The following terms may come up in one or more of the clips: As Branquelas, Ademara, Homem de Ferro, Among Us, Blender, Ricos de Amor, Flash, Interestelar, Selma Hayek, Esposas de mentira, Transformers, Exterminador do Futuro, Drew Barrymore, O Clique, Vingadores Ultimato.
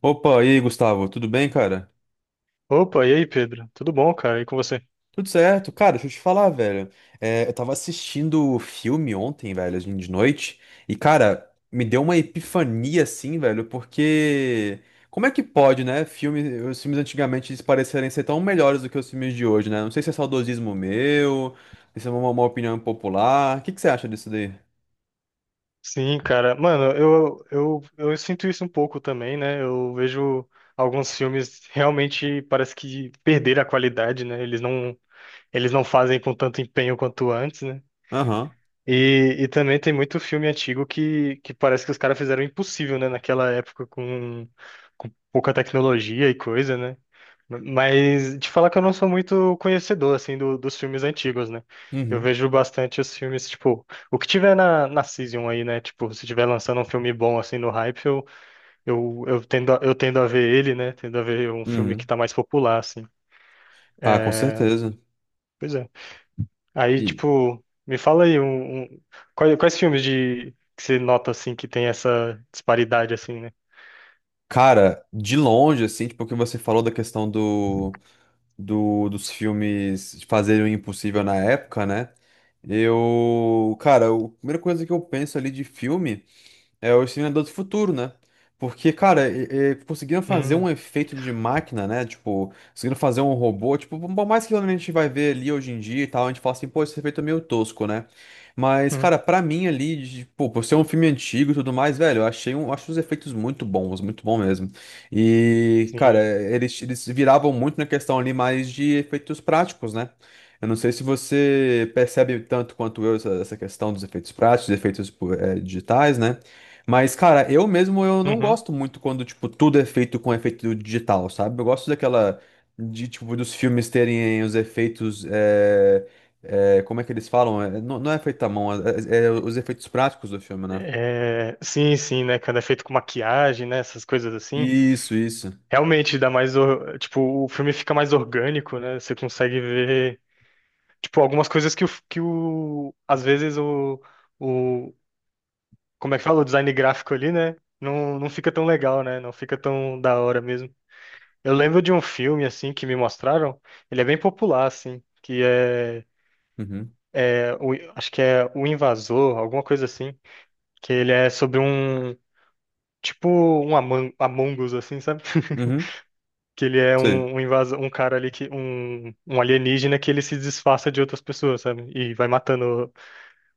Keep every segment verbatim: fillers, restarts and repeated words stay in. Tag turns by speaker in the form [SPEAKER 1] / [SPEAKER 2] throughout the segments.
[SPEAKER 1] Opa, e aí, Gustavo, tudo bem, cara?
[SPEAKER 2] Opa, e aí, Pedro? Tudo bom, cara? E com você?
[SPEAKER 1] Tudo certo. Cara, deixa eu te falar, velho. É, eu tava assistindo o filme ontem, velho, assim, de noite, e, cara, me deu uma epifania, assim, velho, porque. Como é que pode, né? Filme, os filmes antigamente eles parecerem ser tão melhores do que os filmes de hoje, né? Não sei se é saudosismo meu, se é uma, uma opinião popular. O que que você acha disso daí?
[SPEAKER 2] Sim, cara. Mano, eu, eu, eu sinto isso um pouco também, né? Eu vejo alguns filmes realmente parece que perderam a qualidade, né? Eles não, eles não fazem com tanto empenho quanto antes, né?
[SPEAKER 1] Aham.
[SPEAKER 2] E, e também tem muito filme antigo que, que parece que os caras fizeram o impossível, né? Naquela época com, com pouca tecnologia e coisa, né? Mas te falar que eu não sou muito conhecedor, assim, do- dos filmes antigos, né? Eu
[SPEAKER 1] Uhum.
[SPEAKER 2] vejo bastante os filmes, tipo, o que tiver na, na Season aí, né? Tipo, se tiver lançando um filme bom, assim, no hype, eu, eu, eu tendo, a- eu tendo a ver ele, né? Tendo a ver um filme que
[SPEAKER 1] Uhum.
[SPEAKER 2] tá mais popular, assim.
[SPEAKER 1] Ah, com certeza.
[SPEAKER 2] Pois é. Aí,
[SPEAKER 1] E,
[SPEAKER 2] tipo, me fala aí um, um- quais, quais filmes de que você nota assim que tem essa disparidade assim, né?
[SPEAKER 1] cara, de longe, assim, tipo, o que você falou da questão do. do- dos filmes de Fazer o Impossível na época, né? Eu, cara, eu- a primeira coisa que eu penso ali de filme. É o Exterminador do Futuro, né? Porque, cara, e- e conseguiram fazer
[SPEAKER 2] Hum,
[SPEAKER 1] um efeito de máquina, né? Tipo, conseguiram fazer um robô. Tipo, por mais que a gente vai ver ali hoje em dia e tal, a gente fala assim, pô, esse efeito é meio tosco, né? Mas,
[SPEAKER 2] hum.
[SPEAKER 1] cara, pra mim ali, de- pô, por ser um filme antigo e tudo mais, velho, eu achei um, acho os efeitos muito bons, muito bom mesmo. E, cara,
[SPEAKER 2] Sim.
[SPEAKER 1] eles, eles viravam muito na questão ali mais de efeitos práticos, né? Eu não sei se você percebe tanto quanto eu essa, essa questão dos efeitos práticos, dos efeitos, pô, eh, digitais, né? Mas, cara, eu mesmo eu não
[SPEAKER 2] Uhum.
[SPEAKER 1] gosto muito quando, tipo, tudo é feito com efeito digital, sabe? Eu gosto daquela, de, tipo, dos filmes terem os efeitos, é, é, como é que eles falam? É, não, não é feito à mão, é, é é os efeitos práticos do filme, né?
[SPEAKER 2] É, sim, sim, né? Quando é feito com maquiagem, né? Essas coisas assim.
[SPEAKER 1] Isso, isso.
[SPEAKER 2] Realmente dá mais, or- tipo, o filme fica mais orgânico, né? Você consegue ver, tipo, algumas coisas que o, que o, às vezes o, o, como é que fala? O design gráfico ali, né? Não, não fica tão legal, né? Não fica tão da hora mesmo. Eu lembro de um filme assim que me mostraram, ele é bem popular assim, que é,
[SPEAKER 1] Uhum,
[SPEAKER 2] é o- acho que é O Invasor, alguma coisa assim, que ele é sobre um tipo um Among, Among Us assim, sabe?
[SPEAKER 1] uhum,
[SPEAKER 2] Que ele é
[SPEAKER 1] sei.
[SPEAKER 2] um, um invasor, um cara ali que um, um alienígena, que ele se disfarça de outras pessoas, sabe? E vai matando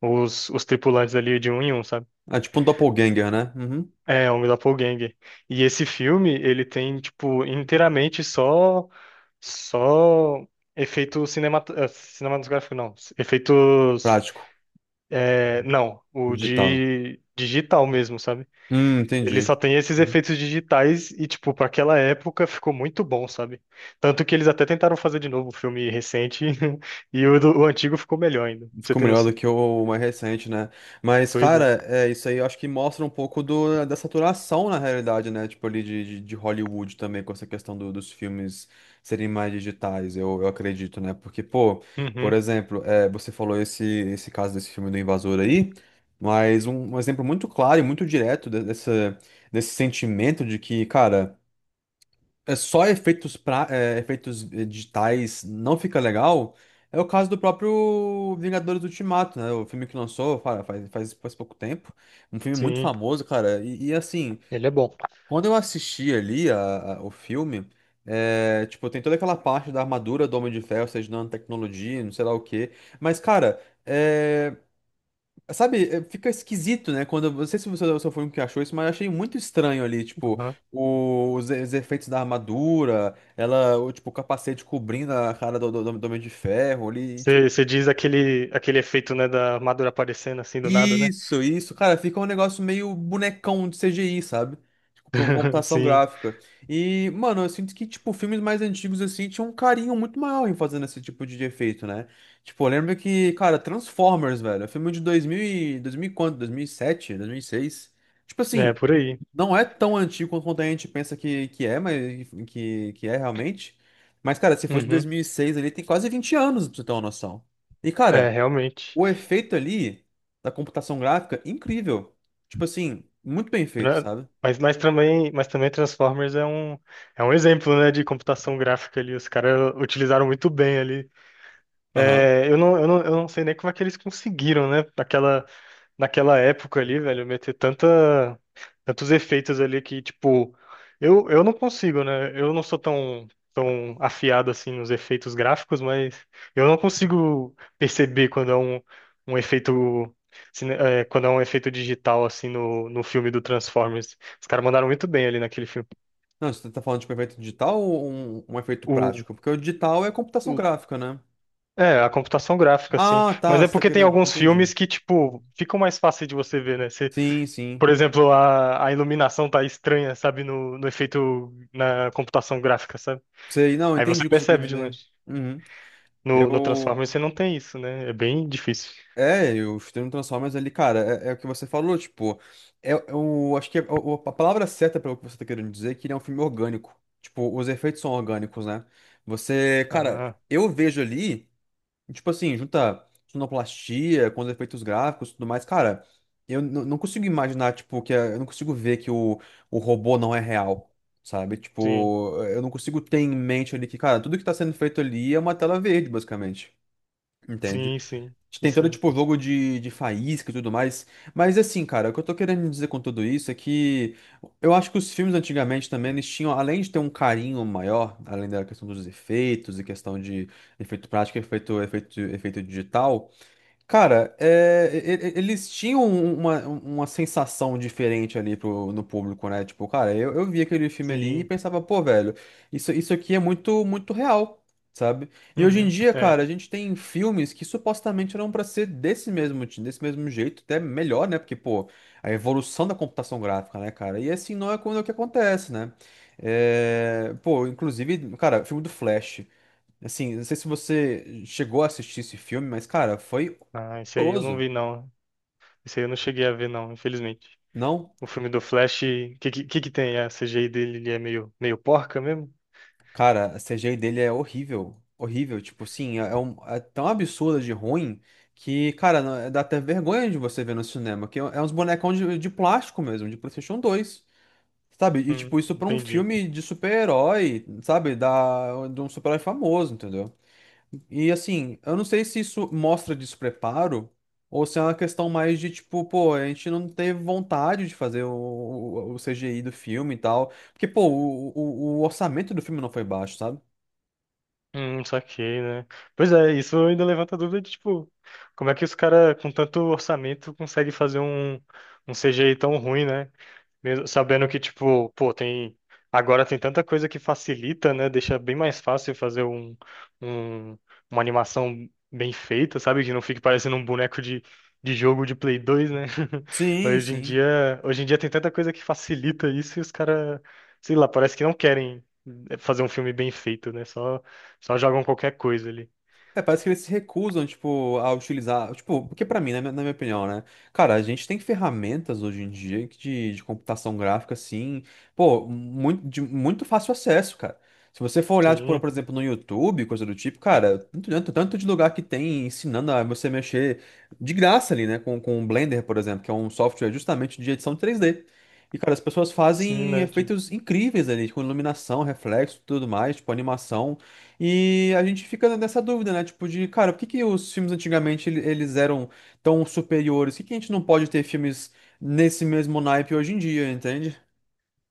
[SPEAKER 2] os, os tripulantes ali de um em um, sabe?
[SPEAKER 1] É tipo um doppelganger, né? Uhum.
[SPEAKER 2] É, um doppelganger. E esse filme, ele tem tipo inteiramente só. Só efeito cinemat... eh, cinematográfico, não. Efeitos.
[SPEAKER 1] Prático,
[SPEAKER 2] Eh, não, o
[SPEAKER 1] digital.
[SPEAKER 2] de digital mesmo, sabe?
[SPEAKER 1] Hum,
[SPEAKER 2] Ele
[SPEAKER 1] entendi.
[SPEAKER 2] só tem esses efeitos digitais e, tipo, para aquela época ficou muito bom, sabe? Tanto que eles até tentaram fazer de novo o filme recente e o, do- o antigo ficou melhor ainda. Pra Você
[SPEAKER 1] Ficou
[SPEAKER 2] tem
[SPEAKER 1] melhor do
[SPEAKER 2] noção?
[SPEAKER 1] que o mais recente, né? Mas,
[SPEAKER 2] Pois é.
[SPEAKER 1] cara, é isso aí, eu acho que mostra um pouco do, da saturação na realidade, né? Tipo, ali de, de, de Hollywood também, com essa questão do- dos filmes serem mais digitais, eu, eu acredito, né? Porque, pô, por
[SPEAKER 2] Uhum,
[SPEAKER 1] exemplo, é, você falou esse, esse caso desse filme do Invasor aí, mas um, um exemplo muito claro e muito direto de- dessa, desse sentimento de que, cara, é só efeitos, pra, é, efeitos eh, digitais não fica legal, é o caso do próprio Vingadores Ultimato, né? O filme que lançou fa- faz, faz, faz pouco tempo. Um filme muito
[SPEAKER 2] sim,
[SPEAKER 1] famoso, cara. E, e, assim,
[SPEAKER 2] ele é bom.
[SPEAKER 1] quando eu assisti ali a- a- o filme, é, tipo, tem toda aquela parte da armadura do Homem de Ferro, ou seja, nanotecnologia, não sei lá o quê. Mas, cara. eh, Sabe, é, fica esquisito, né? Quando, eu não sei se você você foi um que achou isso, mas eu achei muito estranho ali, tipo,
[SPEAKER 2] Uhum.
[SPEAKER 1] o- os, os efeitos da armadura, ela, o, tipo, o capacete cobrindo a cara do, do, do Homem de Ferro ali, tipo.
[SPEAKER 2] Você você diz aquele, aquele efeito, né, da armadura aparecendo assim do nada, né?
[SPEAKER 1] Isso, isso, cara, fica um negócio meio bonecão de C G I, sabe? Tipo, pra uma computação
[SPEAKER 2] Sim,
[SPEAKER 1] gráfica. E, mano, eu sinto que, tipo, filmes mais antigos, assim, tinham um carinho muito maior em fazendo esse tipo de efeito, né? Tipo, eu lembro que, cara, Transformers, velho, é filme de dois mil e... dois mil e quanto? Dois mil e sete? Dois mil e seis. Tipo
[SPEAKER 2] é
[SPEAKER 1] assim,
[SPEAKER 2] por aí.
[SPEAKER 1] não é tão antigo quanto a gente pensa que, que é, mas que, que é realmente. Mas, cara, se fosse de dois
[SPEAKER 2] Uhum.
[SPEAKER 1] mil e seis ali, tem quase vinte anos, pra você ter uma noção. E,
[SPEAKER 2] É,
[SPEAKER 1] cara,
[SPEAKER 2] realmente.
[SPEAKER 1] o efeito ali da computação gráfica, incrível. Tipo assim, muito bem feito,
[SPEAKER 2] Tra-
[SPEAKER 1] sabe?
[SPEAKER 2] Mas, mas também, mas também Transformers é um, é um exemplo, né, de computação gráfica ali. Os caras utilizaram muito bem ali.
[SPEAKER 1] Aham.
[SPEAKER 2] É, eu não, eu não, eu não sei nem como é que eles conseguiram, né? Aquela, naquela época ali, velho, meter tanta, tantos efeitos ali que, tipo, eu, eu não consigo, né? Eu não sou tão, tão afiado assim nos efeitos gráficos, mas eu não consigo perceber quando é um, um efeito. cine- é, Quando é um efeito digital, assim, no, no filme do Transformers. Os caras mandaram muito bem ali naquele filme.
[SPEAKER 1] Não, você tá falando de um efeito digital ou um, um efeito
[SPEAKER 2] O,
[SPEAKER 1] prático? Porque o digital é computação
[SPEAKER 2] o-
[SPEAKER 1] gráfica, né?
[SPEAKER 2] é, a computação gráfica, assim.
[SPEAKER 1] Ah,
[SPEAKER 2] Mas
[SPEAKER 1] tá,
[SPEAKER 2] é
[SPEAKER 1] você tá
[SPEAKER 2] porque tem
[SPEAKER 1] querendo.
[SPEAKER 2] alguns
[SPEAKER 1] Entendi.
[SPEAKER 2] filmes que, tipo, ficam mais fácil de você ver, né?
[SPEAKER 1] Sim, sim.
[SPEAKER 2] Por exemplo, a, a iluminação tá estranha, sabe? No, no efeito na computação gráfica, sabe?
[SPEAKER 1] Sei, não,
[SPEAKER 2] Aí você
[SPEAKER 1] entendi o que você quer
[SPEAKER 2] percebe de
[SPEAKER 1] dizer.
[SPEAKER 2] longe.
[SPEAKER 1] Uhum.
[SPEAKER 2] No, no
[SPEAKER 1] Eu,
[SPEAKER 2] Transformers você não tem isso, né? É bem difícil.
[SPEAKER 1] É, e os termos Transformers ali, cara, é, é o que você falou, tipo, é, é o, acho que é o- a palavra certa para o que você tá querendo dizer é que ele é um filme orgânico. Tipo, os efeitos são orgânicos, né? Você, cara,
[SPEAKER 2] Ah,
[SPEAKER 1] eu vejo ali, tipo assim, junta sonoplastia com os efeitos gráficos e tudo mais, cara, eu n- não consigo imaginar, tipo, que é- eu não consigo ver que o, o robô não é real, sabe?
[SPEAKER 2] sim,
[SPEAKER 1] Tipo, eu não consigo ter em mente ali que, cara, tudo que tá sendo feito ali é uma tela verde, basicamente. Entende? Gente
[SPEAKER 2] sim, sim. Isso
[SPEAKER 1] tentando,
[SPEAKER 2] aí.
[SPEAKER 1] tipo, jogo de, de faísca e tudo mais. Mas, assim, cara, o que eu tô querendo dizer com tudo isso é que eu acho que os filmes antigamente também, eles tinham, além de ter um carinho maior, além da questão dos efeitos e questão de efeito prático, efeito, efeito, efeito digital, cara, é, e- e- eles tinham um, uma, uma sensação diferente ali pro, no público, né? Tipo, cara, eu, eu vi aquele filme ali e
[SPEAKER 2] Sim.
[SPEAKER 1] pensava, pô, velho, isso, isso aqui é muito, muito real, sabe? E hoje em
[SPEAKER 2] Uhum,
[SPEAKER 1] dia,
[SPEAKER 2] é.
[SPEAKER 1] cara, a gente tem filmes que supostamente eram pra ser desse mesmo, ti- desse mesmo jeito, até melhor, né? Porque, pô, a evolução da computação gráfica, né, cara? E assim não é quando é o que acontece, né? É, pô, inclusive, cara, o filme do Flash. Assim, não sei se você chegou a assistir esse filme, mas, cara, foi
[SPEAKER 2] Ah, isso aí eu não
[SPEAKER 1] horroroso.
[SPEAKER 2] vi, não. Isso aí eu não cheguei a ver, não, infelizmente.
[SPEAKER 1] Não,
[SPEAKER 2] O filme do Flash, o que, que, que que tem? A C G I dele ele é meio, meio porca mesmo?
[SPEAKER 1] cara, a C G I dele é horrível. Horrível, tipo assim, é, é um- é tão absurda de ruim que, cara, não- dá até vergonha de você ver no cinema, que é, é uns bonecão de, de plástico mesmo, de PlayStation dois, sabe? E
[SPEAKER 2] Hum,
[SPEAKER 1] tipo, isso pra um
[SPEAKER 2] entendi.
[SPEAKER 1] filme de super-herói, sabe? Da, de um super-herói famoso, entendeu? E assim, eu não sei se isso mostra despreparo ou se é uma questão mais de tipo, pô, a gente não teve vontade de fazer o, o, o C G I do filme e tal. Porque, pô, o, o, o orçamento do filme não foi baixo, sabe?
[SPEAKER 2] Hum, saquei, né? Pois é, isso ainda levanta a dúvida de, tipo, como é que os caras com tanto orçamento conseguem fazer um, um C G I tão ruim, né? Mesmo sabendo que, tipo, pô, tem. Agora tem tanta coisa que facilita, né? Deixa bem mais fácil fazer um, um- uma animação bem feita, sabe? Que não fique parecendo um boneco de, de jogo de Play dois, né?
[SPEAKER 1] Sim,
[SPEAKER 2] Hoje em
[SPEAKER 1] sim.
[SPEAKER 2] dia, hoje em dia tem tanta coisa que facilita isso e os caras, sei lá, parece que não querem eh, fazer um filme bem feito, né? Só, só jogam qualquer coisa ali.
[SPEAKER 1] É, parece que eles se recusam, tipo, a utilizar. Tipo, porque pra mim, né, na minha opinião, né? Cara, a gente tem ferramentas hoje em dia que de, de computação gráfica, assim, pô, muito, de muito fácil acesso, cara. Se você for olhar, tipo,
[SPEAKER 2] Sim,
[SPEAKER 1] por exemplo, no YouTube, coisa do tipo, cara, tanto, tanto, tanto de lugar que tem ensinando a você mexer de graça ali, né? Com, com o Blender, por exemplo, que é um software justamente de edição três D. E, cara, as pessoas
[SPEAKER 2] sim,
[SPEAKER 1] fazem
[SPEAKER 2] né?
[SPEAKER 1] efeitos incríveis ali, com iluminação, reflexo, tudo mais, tipo, animação. E a gente fica nessa dúvida, né? Tipo, de, cara, por que que os filmes antigamente ele- eles eram tão superiores? Por que que a gente não pode ter filmes nesse mesmo naipe hoje em dia, entende?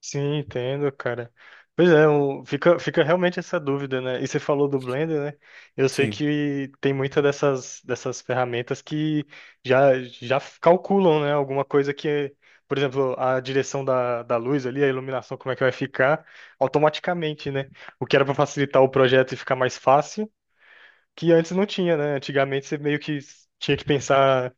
[SPEAKER 2] Sim, entendo, cara. Pois é, um- fica, fica realmente essa dúvida, né? E você falou do Blender, né? Eu sei
[SPEAKER 1] Sim.
[SPEAKER 2] que tem muita dessas, dessas ferramentas que já, já calculam, né? Alguma coisa que, por exemplo, a direção da, da luz ali, a iluminação, como é que vai ficar automaticamente, né? O que era para facilitar o projeto e ficar mais fácil, que antes não tinha, né? Antigamente você meio que tinha que pensar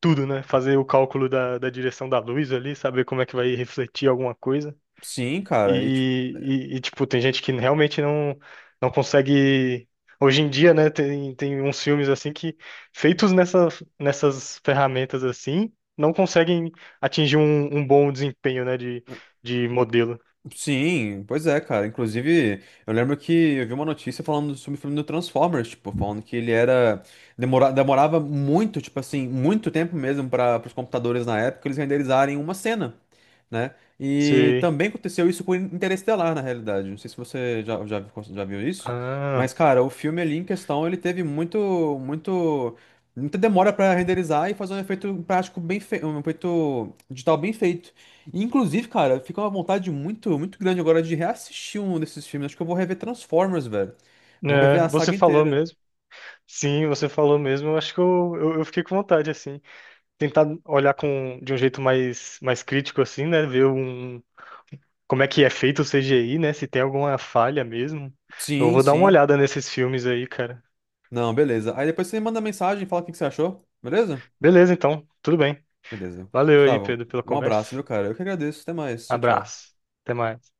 [SPEAKER 2] tudo, né? Fazer o cálculo da, da direção da luz ali, saber como é que vai refletir alguma coisa.
[SPEAKER 1] Sim, cara. E, tipo,
[SPEAKER 2] E, e- e, tipo, tem gente que realmente não, não consegue. Hoje em dia, né, tem, tem uns filmes assim que, feitos nessa, nessas ferramentas assim, não conseguem atingir um, um bom desempenho, né, de, de modelo.
[SPEAKER 1] sim, pois é, cara. Inclusive, eu lembro que eu vi uma notícia falando sobre o filme do Transformers, tipo, falando que ele era. Demora, demorava muito, tipo assim, muito tempo mesmo para os computadores na época eles renderizarem uma cena, né? E
[SPEAKER 2] Sei.
[SPEAKER 1] também aconteceu isso com Interestelar, na realidade. Não sei se você já, já, já viu isso,
[SPEAKER 2] Ah,
[SPEAKER 1] mas, cara, o filme ali em questão, ele teve muito, muito, muita demora para renderizar e fazer um efeito prático bem feito, um efeito digital bem feito. E, inclusive, cara, fica uma vontade muito, muito grande agora de reassistir um desses filmes. Acho que eu vou rever Transformers, velho. Vou rever
[SPEAKER 2] né,
[SPEAKER 1] a
[SPEAKER 2] você
[SPEAKER 1] saga
[SPEAKER 2] falou
[SPEAKER 1] inteira.
[SPEAKER 2] mesmo. Sim, você falou mesmo. Eu acho que eu, eu, eu fiquei com vontade, assim. Tentar olhar com, de um jeito mais, mais crítico, assim, né, ver um como é que é feito o C G I, né? Se tem alguma falha mesmo. Eu
[SPEAKER 1] Sim,
[SPEAKER 2] vou dar uma
[SPEAKER 1] sim.
[SPEAKER 2] olhada nesses filmes aí, cara.
[SPEAKER 1] Não, beleza. Aí depois você me manda mensagem e fala o que que você achou, beleza?
[SPEAKER 2] Beleza, então. Tudo bem.
[SPEAKER 1] Beleza.
[SPEAKER 2] Valeu aí,
[SPEAKER 1] Gustavo,
[SPEAKER 2] Pedro, pela
[SPEAKER 1] um abraço,
[SPEAKER 2] conversa.
[SPEAKER 1] viu, cara? Eu que agradeço. Até mais. Tchau, tchau.
[SPEAKER 2] Abraço. Até mais.